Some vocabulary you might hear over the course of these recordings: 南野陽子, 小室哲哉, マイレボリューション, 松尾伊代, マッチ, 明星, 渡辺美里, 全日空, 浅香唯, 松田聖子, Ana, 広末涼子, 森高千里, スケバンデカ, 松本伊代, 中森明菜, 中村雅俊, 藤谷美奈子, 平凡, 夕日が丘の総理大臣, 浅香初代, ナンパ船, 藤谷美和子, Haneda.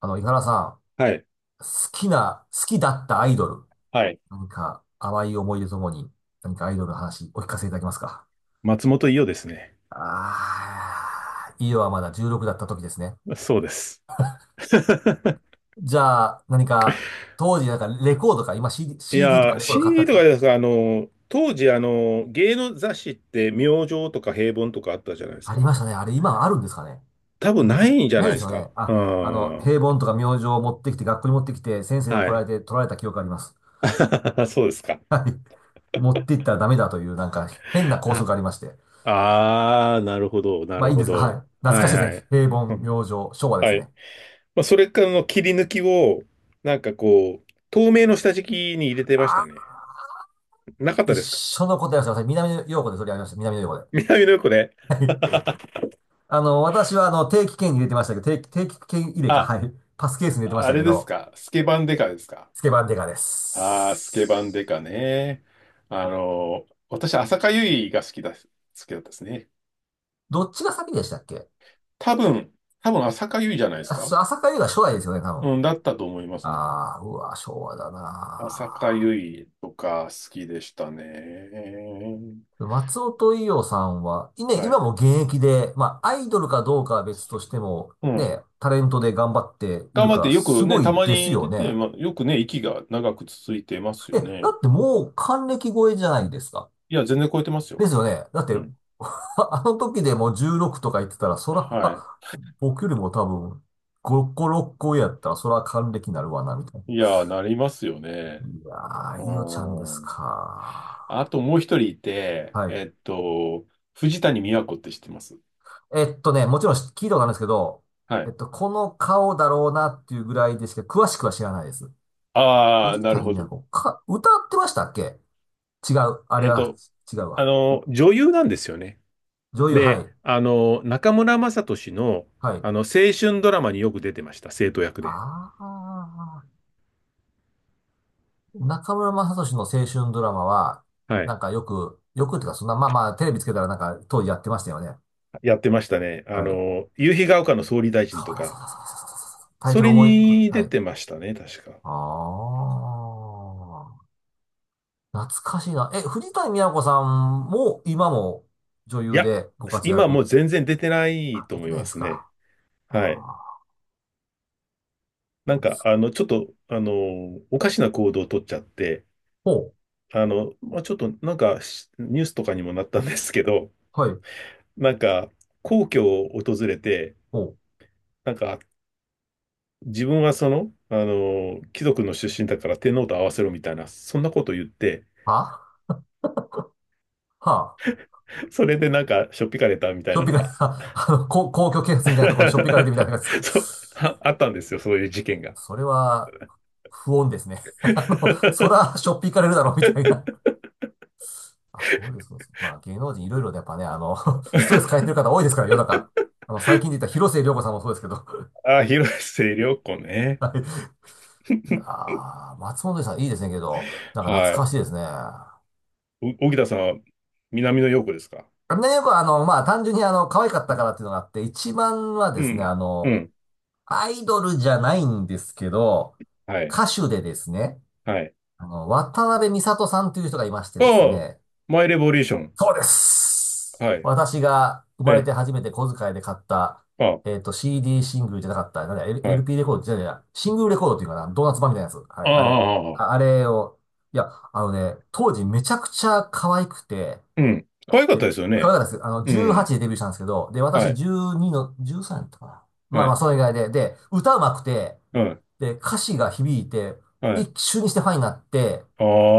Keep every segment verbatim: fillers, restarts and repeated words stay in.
あの、井原さん、はい。好きな、好きだったアイドル、はい。何か淡い思い出ともに、何かアイドルの話お聞かせいただけますか？松本伊代ですね。ああー、イオはまだじゅうろくだった時ですね。そうです。じゃあ、何か、当時なんかレコードか、今 CD、い CD とやかー、レコード買ったん C ですとかか？ですか、あの、当時、あの、芸能雑誌って明星とか平凡とかあったじゃないですありか。ましたね。あれ今あるんですかね？多多分分な今、いんじゃないないでですすよか。ね。うあ、あの、ん。平凡とか明星を持ってきて、学校に持ってきて、先生には怒らい。れて取られた記憶があります。そうですか。はい。持っていったらダメだという、なんか変な校は則い。がありまして。ああ、なるほど、なまあるいいんほですが、はい。ど。懐はかしいいではすね。い。平う凡、明ん、星、昭和ではすい。ね。まあ、それからの切り抜きを、なんかこう、透明の下敷きに入れてましああ、たね。なかっ一たですか？ 緒のことやらせてください。南野陽子で取り上げました。南野陽子で。南の横で。は い。あの、私はあの、定期券に入れてましたけど、定期、定期券入れか、あ。はい。パスケースに入れてましあたけれですど、かスケバンデカですか？スケバンデカでああー、スケバンデす。カね。あの、私、浅香唯が好きだ、好きだったですね。どっちが先でしたっけ？多分、多分浅香唯じゃないですあか？そう浅香初代ですよね、多分。うん、だったと思いますね。ああ、うわ、昭和だな浅香あ。唯とか好きでしたね。松尾と伊代さんは、いね、は今い。も現役で、まあ、アイドルかどうかは別としても、うん。ね、タレントで頑張ってい頑る張かっら、てよすくごね、たいまですによ出ね。て、まあ、よくね、息が長く続いてますえ、よだね。ってもう還暦超えじゃないですか。いや、全然超えてますでよ。すよね。だって、うん。あの時でもじゅうじゅうろくとか言ってたら、そら、は僕よりも多分、ごこ、ろっこ上やったら、そら還暦になるわな、みたいな。い。いや、なりますよね。いやうー、伊代ちゃんですん。か。あともう一人いて、はい。えっと、藤谷美和子って知ってます？えっとね、もちろん聞いたことあるんですけど、はえっい。と、この顔だろうなっていうぐらいでしか詳しくは知らないです。ああ、藤なる谷ほ美奈ど。子、か、歌ってましたっけ？違う。あれえっは、と、違うあわ。の、女優なんですよね。女優、はで、い。あの、中村雅俊の、はあい。の、青春ドラマによく出てました、生徒役で。ああ、中村雅俊の青春ドラマは、はなんい。かよく、よくっていうか、そんな、まあまあ、テレビつけたらなんか当時やってましたよね。やってましたね。あはい。その、夕日が丘の総理大う臣とだ、そか、うだ、そうだ、そうだ、そうだ。タイトそルれ思い、には出い。てましたね、確か。ああ。懐かしいな。え、藤谷美和子さんも、今も女い優や、でご活今もう躍。全然出てなあ、いと出て思いないまですすね。か。はい。あなんか、ーあの、ちょっと、あの、おかしな行動を取っちゃって、ほう。あの、まあ、ちょっとなんかしニュースとかにもなったんですけど、はい。なんか皇居を訪れて、ほう。なんか自分はその、あの、貴族の出身だから天皇と合わせろみたいな、そんなこと言って、あはあ。それでなんかしょっぴかれたみたしいょなっぴのかれが、た、あの、公、公共警察み たいなところにしょっぴかれてみたいなやつか。そう、あ、あ ったんですよ、そういう事件が。それは、不穏ですね。あの、そ ら、しょっぴかれるだろう、みたいな。あ、そうです、そうです。まあ、芸能人いろいろでやっぱね、あの、ストレス抱えてる方多いですから、世の中。あの、最近で言った広末涼子さんもそうですけど。あ、広末涼子ね。はい。いやー、松本伊代さんいいですねけど、なんかは懐かい。しいですね。ね、お荻田さんは南の陽子ですか？よくあの、まあ、単純にあの、可愛かっうたかん。らっていうのがあって、一番はでうすね、あん。うの、ん。アイドルじゃないんですけど、はい。歌手でですね、はい。あの、渡辺美里さんという人がいましてあですあ、ね、マイレボリューション。そうです。はい。私が生えまれえ。て初めて小遣いで買った、あえっと、シーディー シングルじゃなかった、なんだ、L- あ、はい。エルピー レコードじゃないや、シングルレコードっていうかな、ドーナツ版みたいなやつ。はあい、あ、あれ。ああ、ああ、ああ。れを、いや、あのね、当時めちゃくちゃ可愛くて、うん。可愛かっで、たですよ可ね。愛かったです。あの、うじゅうはちん。でデビューしたんですけど、で、は私い。じゅうにの、じゅうさんやったかな。まあはまあ、い。それ以外で、で、歌うまくて、うん。で、歌詞が響いて、はい。一瞬にしてファンになって、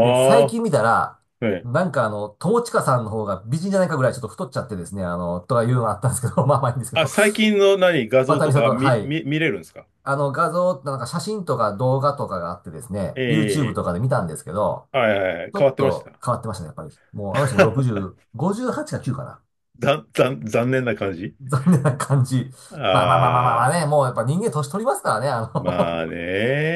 で、最あ、近見たら、ええ。なんかあの、友近さんの方が美人じゃないかぐらいちょっと太っちゃってですね、あの、とかいうのがあったんですけど、まあまあいいんですけあ、ど、最近の何、画像渡美とか里、は見、い。見、見れるんですか？あの、画像、なんか写真とか動画とかがあってですね、え ユーチューブ とえ。かで見たんですけど、はいはいはい。ちょ変わっってましとた。変わってましたね、やっぱり。もう、あの人も ろくじゅう、ごじゅうはちかきゅうかな。ざざ残念な感じ。残念な感じ。まあまあまあまあまああまあね、あ、もうやっぱ人間年取りますからね、あのまあ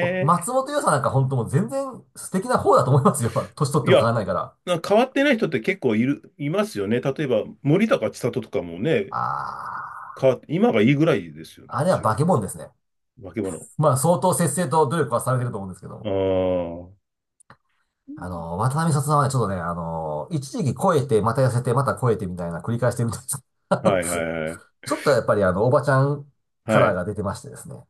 もう松本伊代さんなんか本当もう全然素敵な方だと思いますよ。年取っていも変や、わらないから。な変わってない人って結構いる、いますよね。例えば、森高千里とかもね、ああ、変わって、今がいいぐらいですよね、あむれはし化ろ。け物ですね。化け物。まあ相当節制と努力はされてると思うんですけどあも。あ、あの、渡辺里さんはね、ちょっとね、あの、一時期超えて、また痩せて、また超えてみたいな繰り返してるみたいです。あのはいはいはい。ちょっとやっぱりあの、おばちゃんカはラーい。が出てましてですね。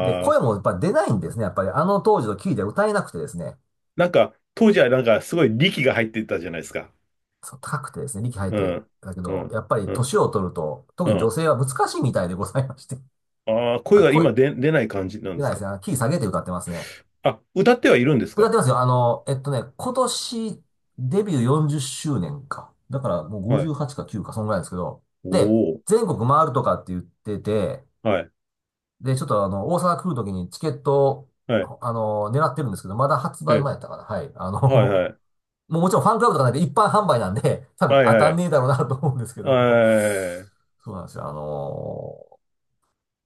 で、声あ、もやっぱり出ないんですね。やっぱりあの当時のキーで歌えなくてですね。なんか、当時はなんかすごい力が入ってたじゃないですか。そう、高くてですね、力入うってん、だけうど、やん、っぱりうん、年を取ると、特うに女ん。性は難しいみたいでございまして。ああ、声まあ、が声、今出、出ない感じなん出でなすいでか。すね。あのキー下げて歌ってますね。あ、歌ってはいるんです歌っか。てますよ。あの、えっとね、今年デビューよんじゅっしゅうねんか。だからもうはい。ごじゅうはちかきゅうか、そんぐらいですけど。おで、お、全国回るとかって言ってて、はい、で、ちょっとあの、大阪来るときにチケットはい、を、あの、狙ってるんですけど、まだ発売ね。前やったかな。はい。あの、はい、はい、もうもちろんファンクラブとかないで一般販売なんで、多分はい、当はい、たはんい。ねえだろうなと思うんですけども。そうなんですよ。あの、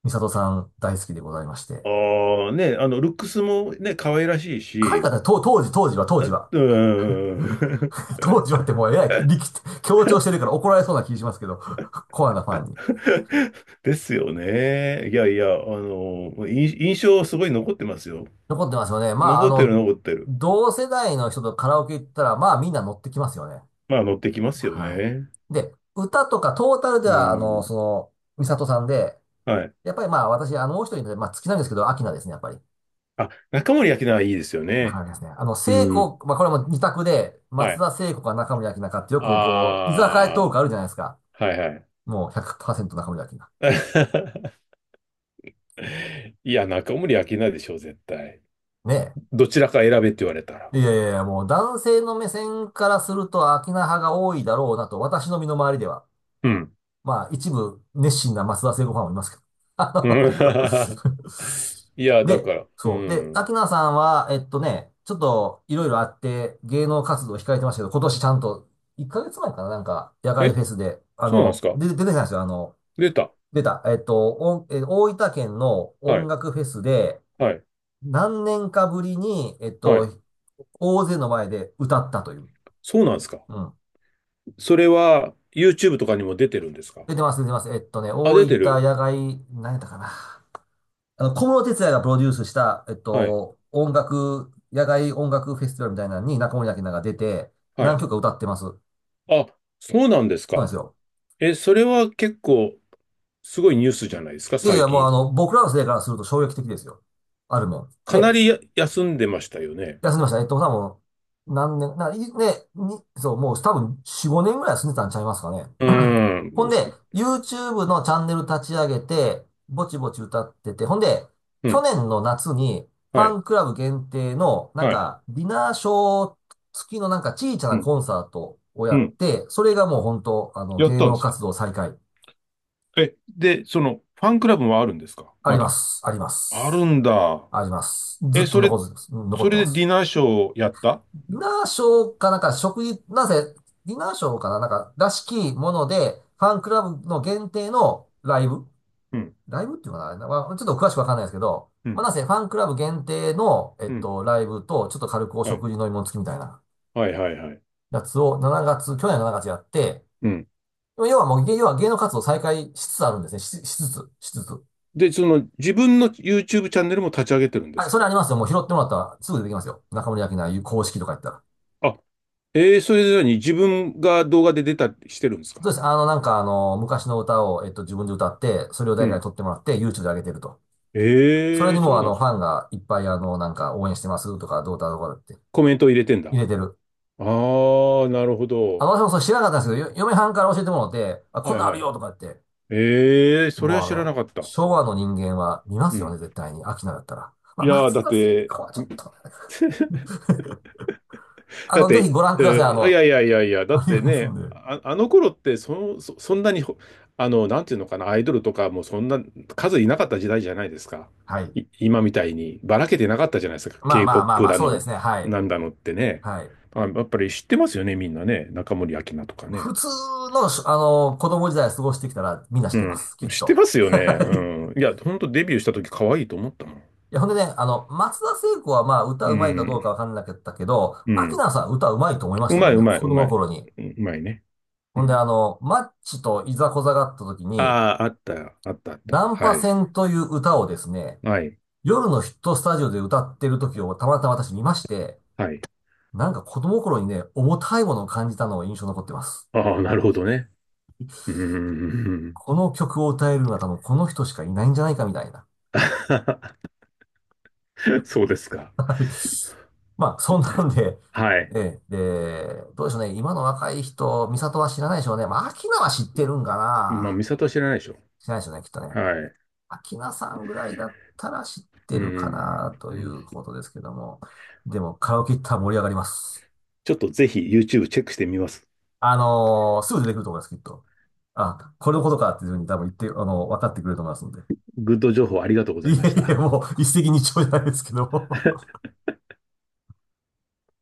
美里さん大好きでございまして。ああ、ね、あの、ルックスもね、可愛らしい海外し、で、と当時、当時は、当時は。うーん。当時はってもうえらい力強調してるから怒られそうな気しますけど、コアなファンに。ですよね。いやいや、あの、印印象すごい残ってますよ。残ってますよね。まあ、あ残ってるの、残ってる。同世代の人とカラオケ行ったら、まあみんな乗ってきますよね。まあ乗ってきますよはね。い。で、歌とかトータルでうは、あの、ん。その、ミサトさんで、はい。やっぱりまあ私、あの、もう一人で、まあ好きなんですけど、アキナですね、やっぱり。あ、中森明菜はいいですよはね。いですね。あの、う聖ん。子、まあこれも二択で、は松い。田聖子か中森明菜かってよあくこう、居酒屋トークあるじゃないですか。あ、はいはい。もうひゃくパーセント中森明菜。いや、中森明菜でしょう、絶対。ねえ。どちらか選べって言われたら。いやいやいや、もう男性の目線からするとアキナ派が多いだろうなと、私の身の回りでは。うん。まあ、一部熱心な松田聖子ファンもいますけど。うあん いや、の だで、から、うそう。で、アん。キナさんは、えっとね、ちょっといろいろあって芸能活動を控えてましたけど、今年ちゃんといっかげつまえかな、なんか、野外え、フェスで、あそうなんですの、か？で、出てきたんですよ。あの、出た。出た。えっと、おんえ大分県のは音い、楽フェスで、はい、何年かぶりに、えっはと、い。大勢の前で歌ったという。そうなんですか？うん。それは YouTube とかにも出てるんですか？出てます、出てます。えっとね、あ、出大て分る。野外、何やったかな。あの、小室哲哉がプロデュースした、えっはい。と、音楽、野外音楽フェスティバルみたいなのに中森明菜が出て、は何い。曲か歌ってます。そうあ、そうなんですなんですか。よ。え、それは結構すごいニュースじゃないですか、いやい最や、もうあ近。の、僕らの世代からすると衝撃的ですよ。あるもん。かで、なりや休んでましたよね。休んでました。えっと、多分、何年、な、いね、に、そう、もう多分よん、ごねんぐらい住んでたんちゃいますかね。うーほんん。で、YouTube のチャンネル立ち上げて、ぼちぼち歌ってて、ほんで、う去ん。年の夏に、フはァい。ンクラブ限定の、なんはい。か、ディナーショー付きのなんか小さうなん。コンサートをやうっん。て、それがもう本当、あの、やっ芸たん能ですか。活動再開。え、で、その、ファンクラブはあるんですか、ありままだ？す。ありまあるす。んだ。あります。ずえ、っとそれ、残ず、残そってれまでデす。ィナーショーやった？ディナーショーかなんか、食事、なぜ、ディナーショーかななんか、らしきもので、ファンクラブの限定のライブうん。ライブっていうのかな、まあちょっと詳しくわかんないですけど、うまあ、ん。なんせファンクラブ限定の、えっうん。と、ライブと、ちょっと軽くおはい。食事飲み物付きみたいなはいはいはい。やつをしちがつ、去年のしちがつやって、うん。要はもう、要は芸能活動再開しつつあるんですね。し、しつつ、しつつ。で、その自分の YouTube チャンネルも立ち上げてるんですあ、そか？れありますよ。もう拾ってもらったらすぐ出てきますよ。中森明菜公式とか言ったら。あ、えー、それぞれに自分が動画で出たりしてるんですか？そうです。あの、なんかあの、昔の歌を、えっと、自分で歌って、それをう誰かにん。撮ってもらって、YouTube で上げてると。それええ。にもそううあなんでの、すフか。ァンがいっぱいあの、なんか応援してますとか、どうだとかってコメントを入れてんだ。入あれてる。あ。なるほあ、ど。私もそれ知らなかったんですけど、よ嫁はんから教えてもらって、あ、こんはいなんあはるい。よとか言って、えー、そもれはうあ知らなの、かった。昭和の人間は見まうすよね、ん。絶対に。秋菜だったら。まあ、いやー、松だっ田聖て、子はちょっとね、あだっの、ぜひて、ご覧えください。あーいの、やいやいやいや、だあっりてますんね、で。あ、あの頃ってそ、そ、そんなにほ、あの、なんていうのかな、アイドルとかもそんな数いなかった時代じゃないですか。はい。い、今みたいにばらけてなかったじゃないですか。まあまあまあ K-ケーポップ まあ、だそうでの、すね。はい。なんだのってね。はい。あ、やっぱり知ってますよね、みんなね。中森明菜とか普ね。通のし、あの、子供時代過ごしてきたらみんな知っうてます。きん。っ知ってと。ますよね。はい。うん。いや、ほんとデビューした時可愛いと思ったもん。いや、ほんでね、あの、松田聖子はまあ、歌ううまいかどうかん。わかんなかったけど、う秋ん。菜さんは歌うまいと思いましうたもまいんね、うまい子う供まのい。頃に。うん。うまいね。うほんで、ん。あの、マッチといざこざがあった時に、ああ、あった、あった、あった。ナンパはい。船という歌をですね、はい。夜のヒットスタジオで歌ってる時をたまたま私見まして、はい。なんか子供心にね、重たいものを感じたのが印象に残ってます。ああ、なるほどね。うーん。この曲を歌えるのは多分この人しかいないんじゃないかみたいな。そうですか。はい。まあ、そんなんで、はい。ええ、で、どうでしょうね。今の若い人、美里は知らないでしょうね。まあ、アキナは知ってるんかまあ、な。美里は知らないでしょ。知らないでしょうね、きっとね。はい。うアキナさんぐらいだったら知ってるかなというん。ことですけども。でも、カラオケ行ったら盛り上がります。ちょっとぜひ YouTube チェックしてみます。あのーすぐ出てくると思います、きっと。あ、これのことかっていうふうに多分言って、あの、分かってくれると思いますんで。グッド情報ありがとうごいざえいいましえ、た。もう一石二鳥じゃないですけども